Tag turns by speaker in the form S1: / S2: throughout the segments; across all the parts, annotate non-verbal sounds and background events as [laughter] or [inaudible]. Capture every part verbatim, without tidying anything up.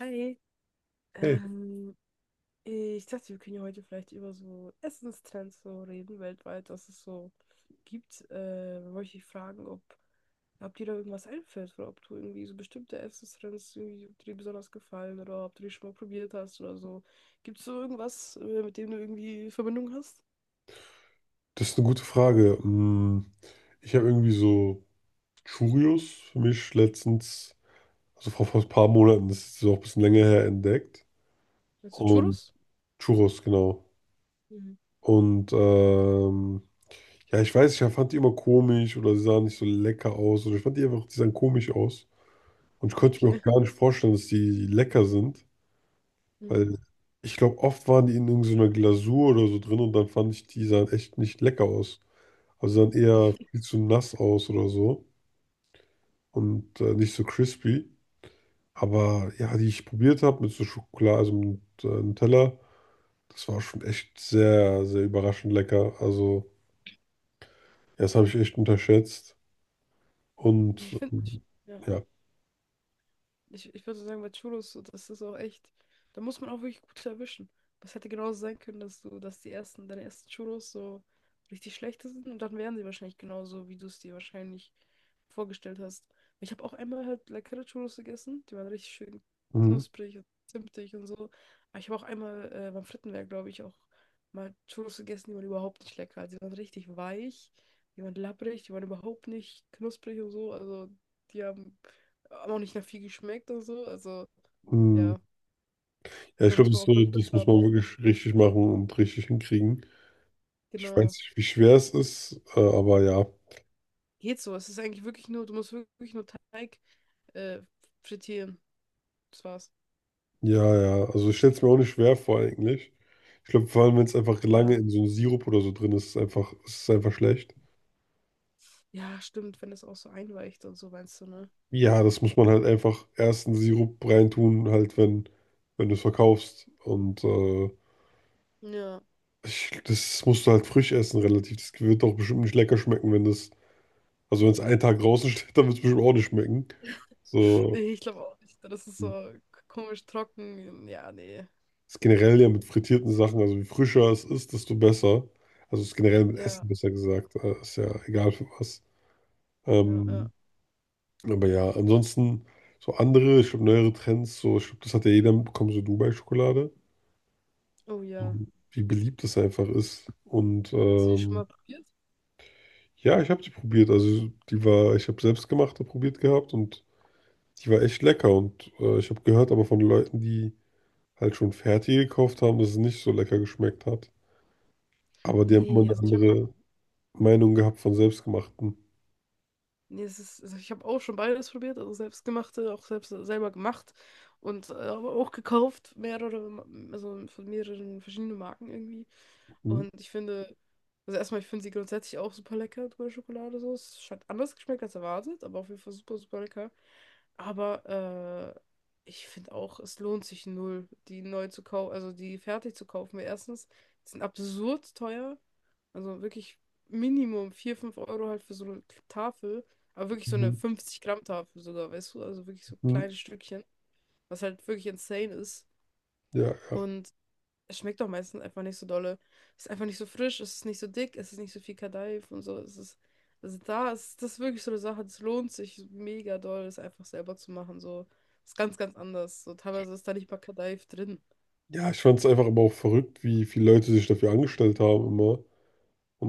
S1: Hi,
S2: Hey,
S1: ähm, ich dachte, wir können ja heute vielleicht über so Essenstrends so reden, weltweit, was es so gibt. Äh, wollte ich dich fragen, ob, ob dir da irgendwas einfällt oder ob du irgendwie so bestimmte Essenstrends irgendwie, ob dir die besonders gefallen oder ob du die schon mal probiert hast oder so. Gibt es so irgendwas, äh, mit dem du irgendwie Verbindung hast?
S2: das ist eine gute Frage. Hm, ich habe irgendwie so Churios für mich letztens, also vor, vor ein paar Monaten, das ist auch ein bisschen länger her, entdeckt.
S1: Meinst du
S2: Und
S1: Churros?
S2: Churros, genau.
S1: Mhm.
S2: Und ähm, ja, ich weiß, ich fand die immer komisch oder sie sahen nicht so lecker aus oder ich fand die einfach, die sahen komisch aus. Und ich konnte mir auch
S1: Okay.
S2: gar
S1: [laughs]
S2: nicht vorstellen, dass die lecker sind,
S1: Mhm.
S2: weil ich glaube, oft waren die in irgendeiner Glasur oder so drin und dann fand ich, die sahen echt nicht lecker aus. Also sahen eher viel zu nass aus oder so. Und äh, nicht so crispy. Aber ja, die ich probiert habe mit so Schokolade, also mit äh, Nutella, das war schon echt sehr, sehr überraschend lecker. Also, ja, das habe ich echt unterschätzt.
S1: Ja,
S2: Und
S1: ich finde,
S2: ähm,
S1: ja.
S2: ja,
S1: Ich, ich würde sagen, bei Cholos, so, das ist auch echt, da muss man auch wirklich gut erwischen. Es hätte genauso sein können, dass du, dass die ersten, deine ersten Cholos so richtig schlechte sind und dann wären sie wahrscheinlich genauso, wie du es dir wahrscheinlich vorgestellt hast. Ich habe auch einmal halt leckere Cholos gegessen, die waren richtig schön
S2: mhm.
S1: knusprig und zimtig und so. Aber ich habe auch einmal äh, beim Frittenwerk, glaube ich, auch mal Cholos gegessen, die waren überhaupt nicht lecker. Also die waren richtig weich, die waren labbrig, die waren überhaupt nicht knusprig und so. Also die haben aber auch nicht nach viel geschmeckt oder so. Also,
S2: Mhm.
S1: ja,
S2: Ja, ich
S1: da
S2: glaube,
S1: muss
S2: das
S1: man
S2: ist
S1: auch,
S2: so,
S1: glaube ich, Glück
S2: das muss
S1: haben.
S2: man wirklich richtig machen und richtig hinkriegen. Ich weiß
S1: Genau.
S2: nicht, wie schwer es ist, äh, aber ja,
S1: Geht so. Es ist eigentlich wirklich nur, du musst wirklich nur Teig äh, frittieren. Das war's.
S2: ja, ja. Also, ich stelle es mir auch nicht schwer vor, eigentlich. Ich glaube, vor allem, wenn es einfach lange
S1: Ja.
S2: in so einem Sirup oder so drin ist, ist es einfach, ist es einfach schlecht.
S1: Ja, stimmt, wenn das auch so einweicht und so, meinst du, ne?
S2: Ja, das muss man halt einfach erst in den Sirup reintun, halt wenn, wenn du es verkaufst. Und äh,
S1: Ja.
S2: ich, das musst du halt frisch essen, relativ. Das wird doch bestimmt nicht lecker schmecken, wenn das, also wenn es einen Tag draußen steht, [laughs] dann wird es bestimmt auch nicht schmecken. So,
S1: Nee, ich glaube auch nicht. Das ist
S2: das
S1: so komisch trocken. Ja, nee.
S2: ist generell ja mit frittierten Sachen, also je frischer es ist, desto besser. Also es ist generell mit
S1: Ja,
S2: Essen besser gesagt, äh, ist ja egal für was.
S1: ja, ja.
S2: Ähm, aber ja, ansonsten so andere, ich glaube neuere Trends, so ich glaube, das hat ja jeder mitbekommen, so Dubai-Schokolade.
S1: Oh ja.
S2: Wie beliebt es einfach ist. Und
S1: Hast du die schon
S2: ähm,
S1: mal probiert?
S2: ja, ich habe die probiert. Also die war, ich habe selbstgemachte probiert gehabt und die war echt lecker. Und äh, ich habe gehört aber von Leuten, die halt schon fertig gekauft haben, dass es nicht so lecker geschmeckt hat. Aber die haben immer
S1: Nee,
S2: eine
S1: also ich habe
S2: andere Meinung gehabt von selbstgemachten.
S1: Nee, es ist, also ich habe auch schon beides probiert, also selbstgemachte, auch selbst selber gemacht und äh, aber auch gekauft, mehrere, Ma- also von mehreren verschiedenen Marken irgendwie.
S2: Mhm.
S1: Und ich finde, also erstmal, ich finde sie grundsätzlich auch super lecker, dunkle Schokolade so. Es hat anders geschmeckt als erwartet, aber auf jeden Fall super, super lecker. Aber äh, ich finde auch, es lohnt sich null, die neu zu kaufen, also die fertig zu kaufen. Weil erstens, die sind absurd teuer. Also wirklich Minimum vier fünf Euro halt für so eine Tafel. Aber wirklich so eine
S2: Mhm.
S1: fünfzig Gramm Tafel sogar, weißt du? Also wirklich so
S2: Mhm.
S1: kleine Stückchen, was halt wirklich insane ist.
S2: Ja, ja.
S1: Und es schmeckt auch meistens einfach nicht so dolle. Es ist einfach nicht so frisch, es ist nicht so dick, es ist nicht so viel Kadaif und so. Es ist, also da ist das ist wirklich so eine Sache, das lohnt sich mega doll, das einfach selber zu machen. So, ist ganz, ganz anders. So, teilweise ist da nicht mal Kadaif drin.
S2: Ja, ich fand es einfach aber auch verrückt, wie viele Leute sich dafür angestellt haben immer.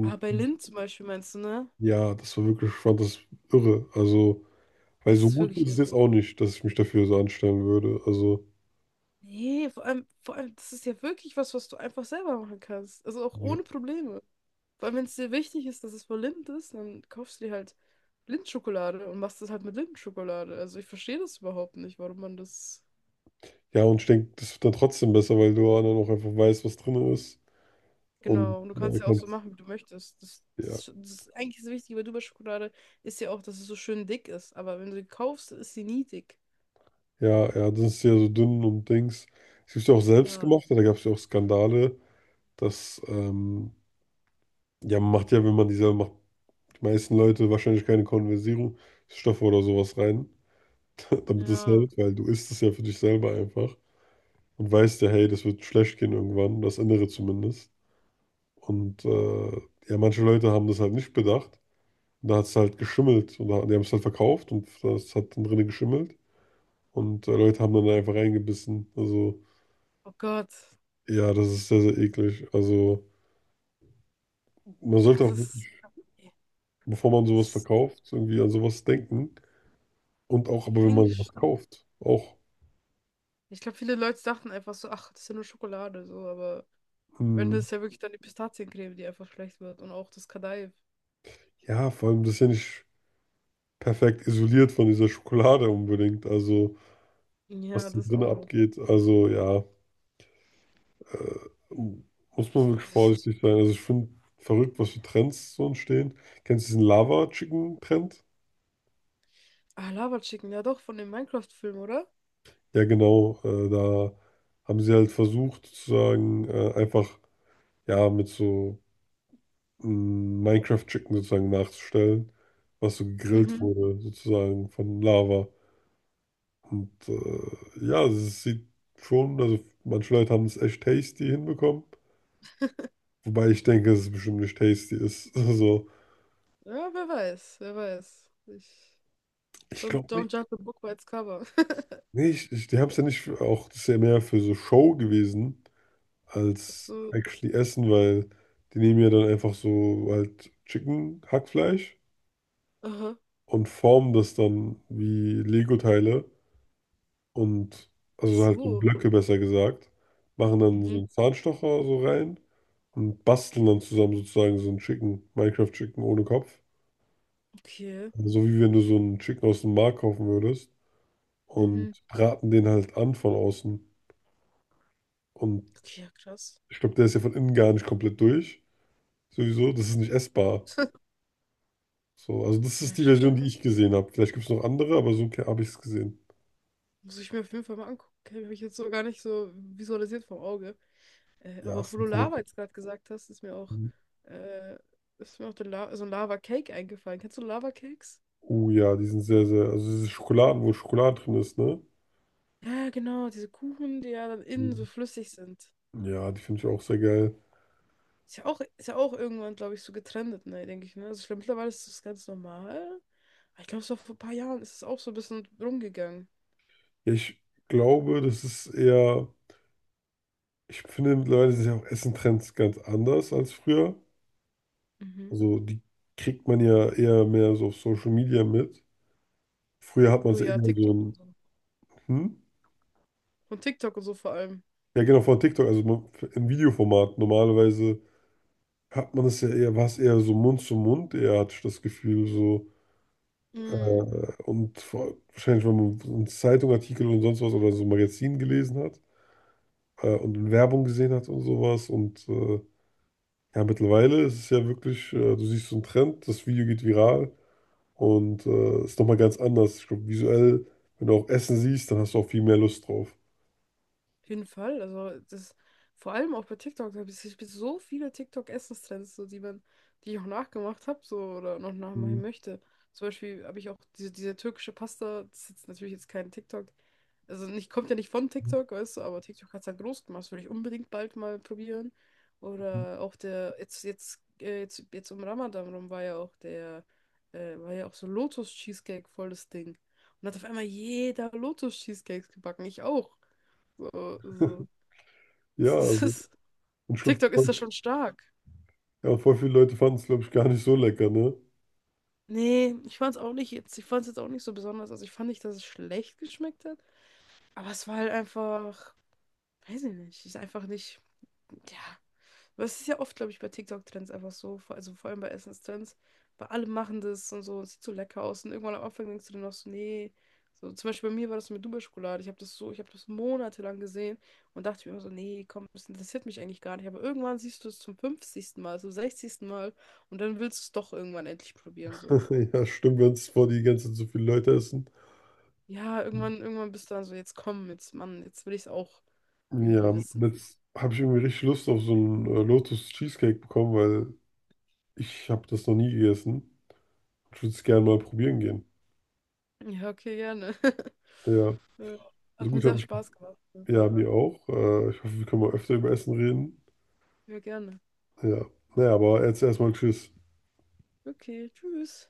S1: Aber bei Lind zum Beispiel meinst du, ne?
S2: ja, das war wirklich, ich fand das irre. Also weil
S1: Das
S2: so
S1: ist
S2: gut
S1: wirklich
S2: ist es
S1: irre.
S2: jetzt auch nicht, dass ich mich dafür so anstellen würde. Also,
S1: Nee, vor allem, vor allem, das ist ja wirklich was, was du einfach selber machen kannst. Also auch
S2: ja.
S1: ohne Probleme. Vor allem, wenn es dir wichtig ist, dass es voll Lind ist, dann kaufst du dir halt Lindschokolade und machst das halt mit Lindschokolade. Also ich verstehe das überhaupt nicht, warum man das.
S2: Ja, und ich denke, das wird dann trotzdem besser, weil du dann auch einfach weißt, was drin ist. Und
S1: Genau, und du
S2: da
S1: kannst ja auch so
S2: kannst,
S1: machen, wie du möchtest. Das,
S2: ja,
S1: das, das ist eigentlich das Wichtige bei Dubai-Schokolade ist ja auch, dass es so schön dick ist. Aber wenn du sie kaufst, ist sie nie dick.
S2: ja, ja, das ist ja so dünn und Dings. Es gibt ja auch
S1: Ja,
S2: selbstgemachte, da gab es ja auch Skandale, dass, ähm, ja, man macht ja, wenn man die selber macht, die meisten Leute wahrscheinlich keine Konservierungsstoffe oder sowas rein, [laughs] damit es
S1: ja.
S2: hält, weil du isst es ja für dich selber einfach und weißt ja, hey, das wird schlecht gehen irgendwann, das Innere zumindest. Und äh, ja, manche Leute haben das halt nicht bedacht. Und da hat es halt geschimmelt. Und da, die haben es halt verkauft und das hat dann drinnen geschimmelt. Und äh, Leute haben dann einfach reingebissen. Also,
S1: Oh Gott.
S2: ja, das ist sehr, sehr eklig. Also, man sollte
S1: Das
S2: auch wirklich,
S1: ist. Ja,
S2: bevor man
S1: das
S2: sowas
S1: ist
S2: verkauft, irgendwie an sowas denken. Und auch, aber
S1: ja
S2: wenn man
S1: eigentlich.
S2: sowas kauft, auch,
S1: Ich glaube, viele Leute dachten einfach so, ach, das ist ja nur Schokolade, so, aber am Ende
S2: hm,
S1: ist ja wirklich dann die Pistaziencreme, die einfach schlecht wird und auch das Kadaif.
S2: ja, vor allem, das ist ja nicht perfekt isoliert von dieser Schokolade unbedingt. Also, was
S1: Ja,
S2: da
S1: das
S2: drinnen
S1: auch noch.
S2: abgeht. Also, ja. Äh, muss man wirklich
S1: Das ist-
S2: vorsichtig sein. Also ich finde verrückt, was für Trends so entstehen. Kennst du diesen Lava-Chicken-Trend?
S1: Ah, Lava Chicken, ja doch, von dem Minecraft-Film, oder?
S2: Ja, genau. Äh, da haben sie halt versucht, sozusagen äh, einfach ja mit so mh, Minecraft-Chicken sozusagen nachzustellen, was so gegrillt
S1: Mhm.
S2: wurde, sozusagen von Lava. Und äh, ja, also es sieht schon, also manche Leute haben es echt tasty hinbekommen. Wobei ich denke, dass es bestimmt nicht tasty ist. [laughs] Also,
S1: Ja, wer weiß, wer weiß. Ich...
S2: ich
S1: Don't,
S2: glaube,
S1: don't judge a book by its cover. [laughs]
S2: nee, ich, ich, die haben es ja nicht für, auch, das ist ja mehr für so Show gewesen
S1: Ach
S2: als
S1: so.
S2: actually Essen, weil die nehmen ja dann einfach so halt Chicken, Hackfleisch
S1: Aha.
S2: und formen das dann wie Lego-Teile und
S1: Ach
S2: also so halt so
S1: so.
S2: Blöcke besser gesagt, machen dann so
S1: Mhm.
S2: einen Zahnstocher so rein und basteln dann zusammen sozusagen so ein Chicken, Minecraft-Chicken ohne Kopf.
S1: Okay.
S2: Also so wie wenn du so einen Chicken aus dem Markt kaufen würdest und
S1: Mhm.
S2: braten den halt an von außen. Und
S1: Okay, ja, krass.
S2: ich glaube, der ist ja von innen gar nicht komplett durch. Sowieso, das ist nicht essbar.
S1: [laughs]
S2: So, also das ist
S1: Ja,
S2: die
S1: schade.
S2: Version, die ich gesehen habe. Vielleicht gibt es noch andere, aber so habe ich es gesehen.
S1: Muss ich mir auf jeden Fall mal angucken. Habe ich jetzt so gar nicht so visualisiert vom Auge. Äh,
S2: Ja,
S1: aber auch
S2: es
S1: wo du
S2: sind voll.
S1: Lava jetzt gerade gesagt hast, ist mir auch, äh, ist mir auch der La so ein Lava-Cake eingefallen. Kennst du Lava-Cakes?
S2: Oh ja, die sind sehr, sehr. Also diese Schokoladen, wo Schokolade drin ist, ne?
S1: Ja, genau, diese Kuchen, die ja dann innen so
S2: Mhm.
S1: flüssig sind.
S2: Ja, die finde ich auch sehr geil.
S1: Ist ja auch, ist ja auch irgendwann, glaube ich, so getrendet, ne, denke ich, ne? Also ich glaube, mittlerweile ist das ganz normal. Aber ich glaube, so vor ein paar Jahren ist es auch so ein bisschen rumgegangen.
S2: Ja, ich glaube, das ist eher. Ich finde mittlerweile sind ja auch Essentrends ganz anders als früher.
S1: Mhm.
S2: Also die kriegt man ja eher mehr so auf Social Media mit. Früher hat man
S1: Oh
S2: es ja
S1: ja,
S2: eher so
S1: TikTok und
S2: ein.
S1: so.
S2: Hm?
S1: Von TikTok und so vor allem.
S2: Ja, genau, von TikTok, also man- im Videoformat. Normalerweise hat man es ja eher, war es eher so Mund zu Mund, eher hatte ich das Gefühl, so.
S1: Mm.
S2: Äh, und vor, wahrscheinlich, wenn man so einen Zeitungartikel und sonst was oder so ein Magazin gelesen hat äh, und Werbung gesehen hat und sowas. Und äh, ja, mittlerweile ist es ja wirklich, äh, du siehst so einen Trend, das Video geht viral und äh, ist nochmal ganz anders. Ich glaube, visuell, wenn du auch Essen siehst, dann hast du auch viel mehr Lust drauf.
S1: Auf jeden Fall. Also das, vor allem auch bei TikTok, da habe ich, ich hab so viele TikTok-Essenstrends, so die man, die ich auch nachgemacht habe, so oder noch nachmachen
S2: Mhm.
S1: möchte. Zum Beispiel habe ich auch diese, diese türkische Pasta, das ist jetzt natürlich jetzt kein TikTok. Also nicht, kommt ja nicht von TikTok, weißt du, aber TikTok hat es halt groß gemacht. Das würde ich unbedingt bald mal probieren. Oder auch der, jetzt, jetzt, äh, jetzt, jetzt um Ramadan rum war ja auch der, äh, war ja auch so Lotus-Cheesecake voll das Ding. Und hat auf einmal jeder Lotus-Cheesecakes gebacken. Ich auch. So, so.
S2: Ja,
S1: Es ist, [laughs] es
S2: also,
S1: ist,
S2: und ich glaube,
S1: TikTok ist da schon stark.
S2: ja, voll viele Leute fanden es, glaube ich, gar nicht so lecker, ne?
S1: Nee, ich fand's auch nicht jetzt. Ich fand's jetzt auch nicht so besonders. Also ich fand nicht, dass es schlecht geschmeckt hat. Aber es war halt einfach, weiß ich nicht, ist einfach nicht. Ja. Aber es ist ja oft, glaube ich, bei TikTok-Trends einfach so, vor- also vor allem bei Essenstrends, weil alle machen das und so, es sieht so lecker aus und irgendwann am Anfang denkst du dann noch so, nee. So, zum Beispiel bei mir war das mit Dubai-Schokolade. Ich habe das so, ich habe das monatelang gesehen und dachte mir immer so, nee, komm, das interessiert mich eigentlich gar nicht. Aber irgendwann siehst du es zum fünfzigsten Mal, zum sechzigsten Mal und dann willst du es doch irgendwann endlich probieren, so.
S2: [laughs] Ja, stimmt, wenn es vor die ganze Zeit so viele Leute essen.
S1: Ja, irgendwann, irgendwann bist du dann so, jetzt komm, jetzt, Mann, jetzt will ich es auch
S2: Ja,
S1: irgendwie
S2: und
S1: wissen.
S2: jetzt habe ich irgendwie richtig Lust auf so einen äh, Lotus Cheesecake bekommen, weil ich habe das noch nie gegessen. Ich würde es gerne mal probieren gehen.
S1: Ja, okay, gerne. [laughs]
S2: Ja,
S1: Ja,
S2: so
S1: hat mir
S2: gut
S1: sehr
S2: habe ich.
S1: Spaß gemacht, auf jeden
S2: Ja,
S1: Fall.
S2: mir auch. Äh, ich hoffe, wir können mal öfter über Essen reden.
S1: Ja, gerne.
S2: Ja, naja, aber jetzt erstmal Tschüss.
S1: Okay, tschüss.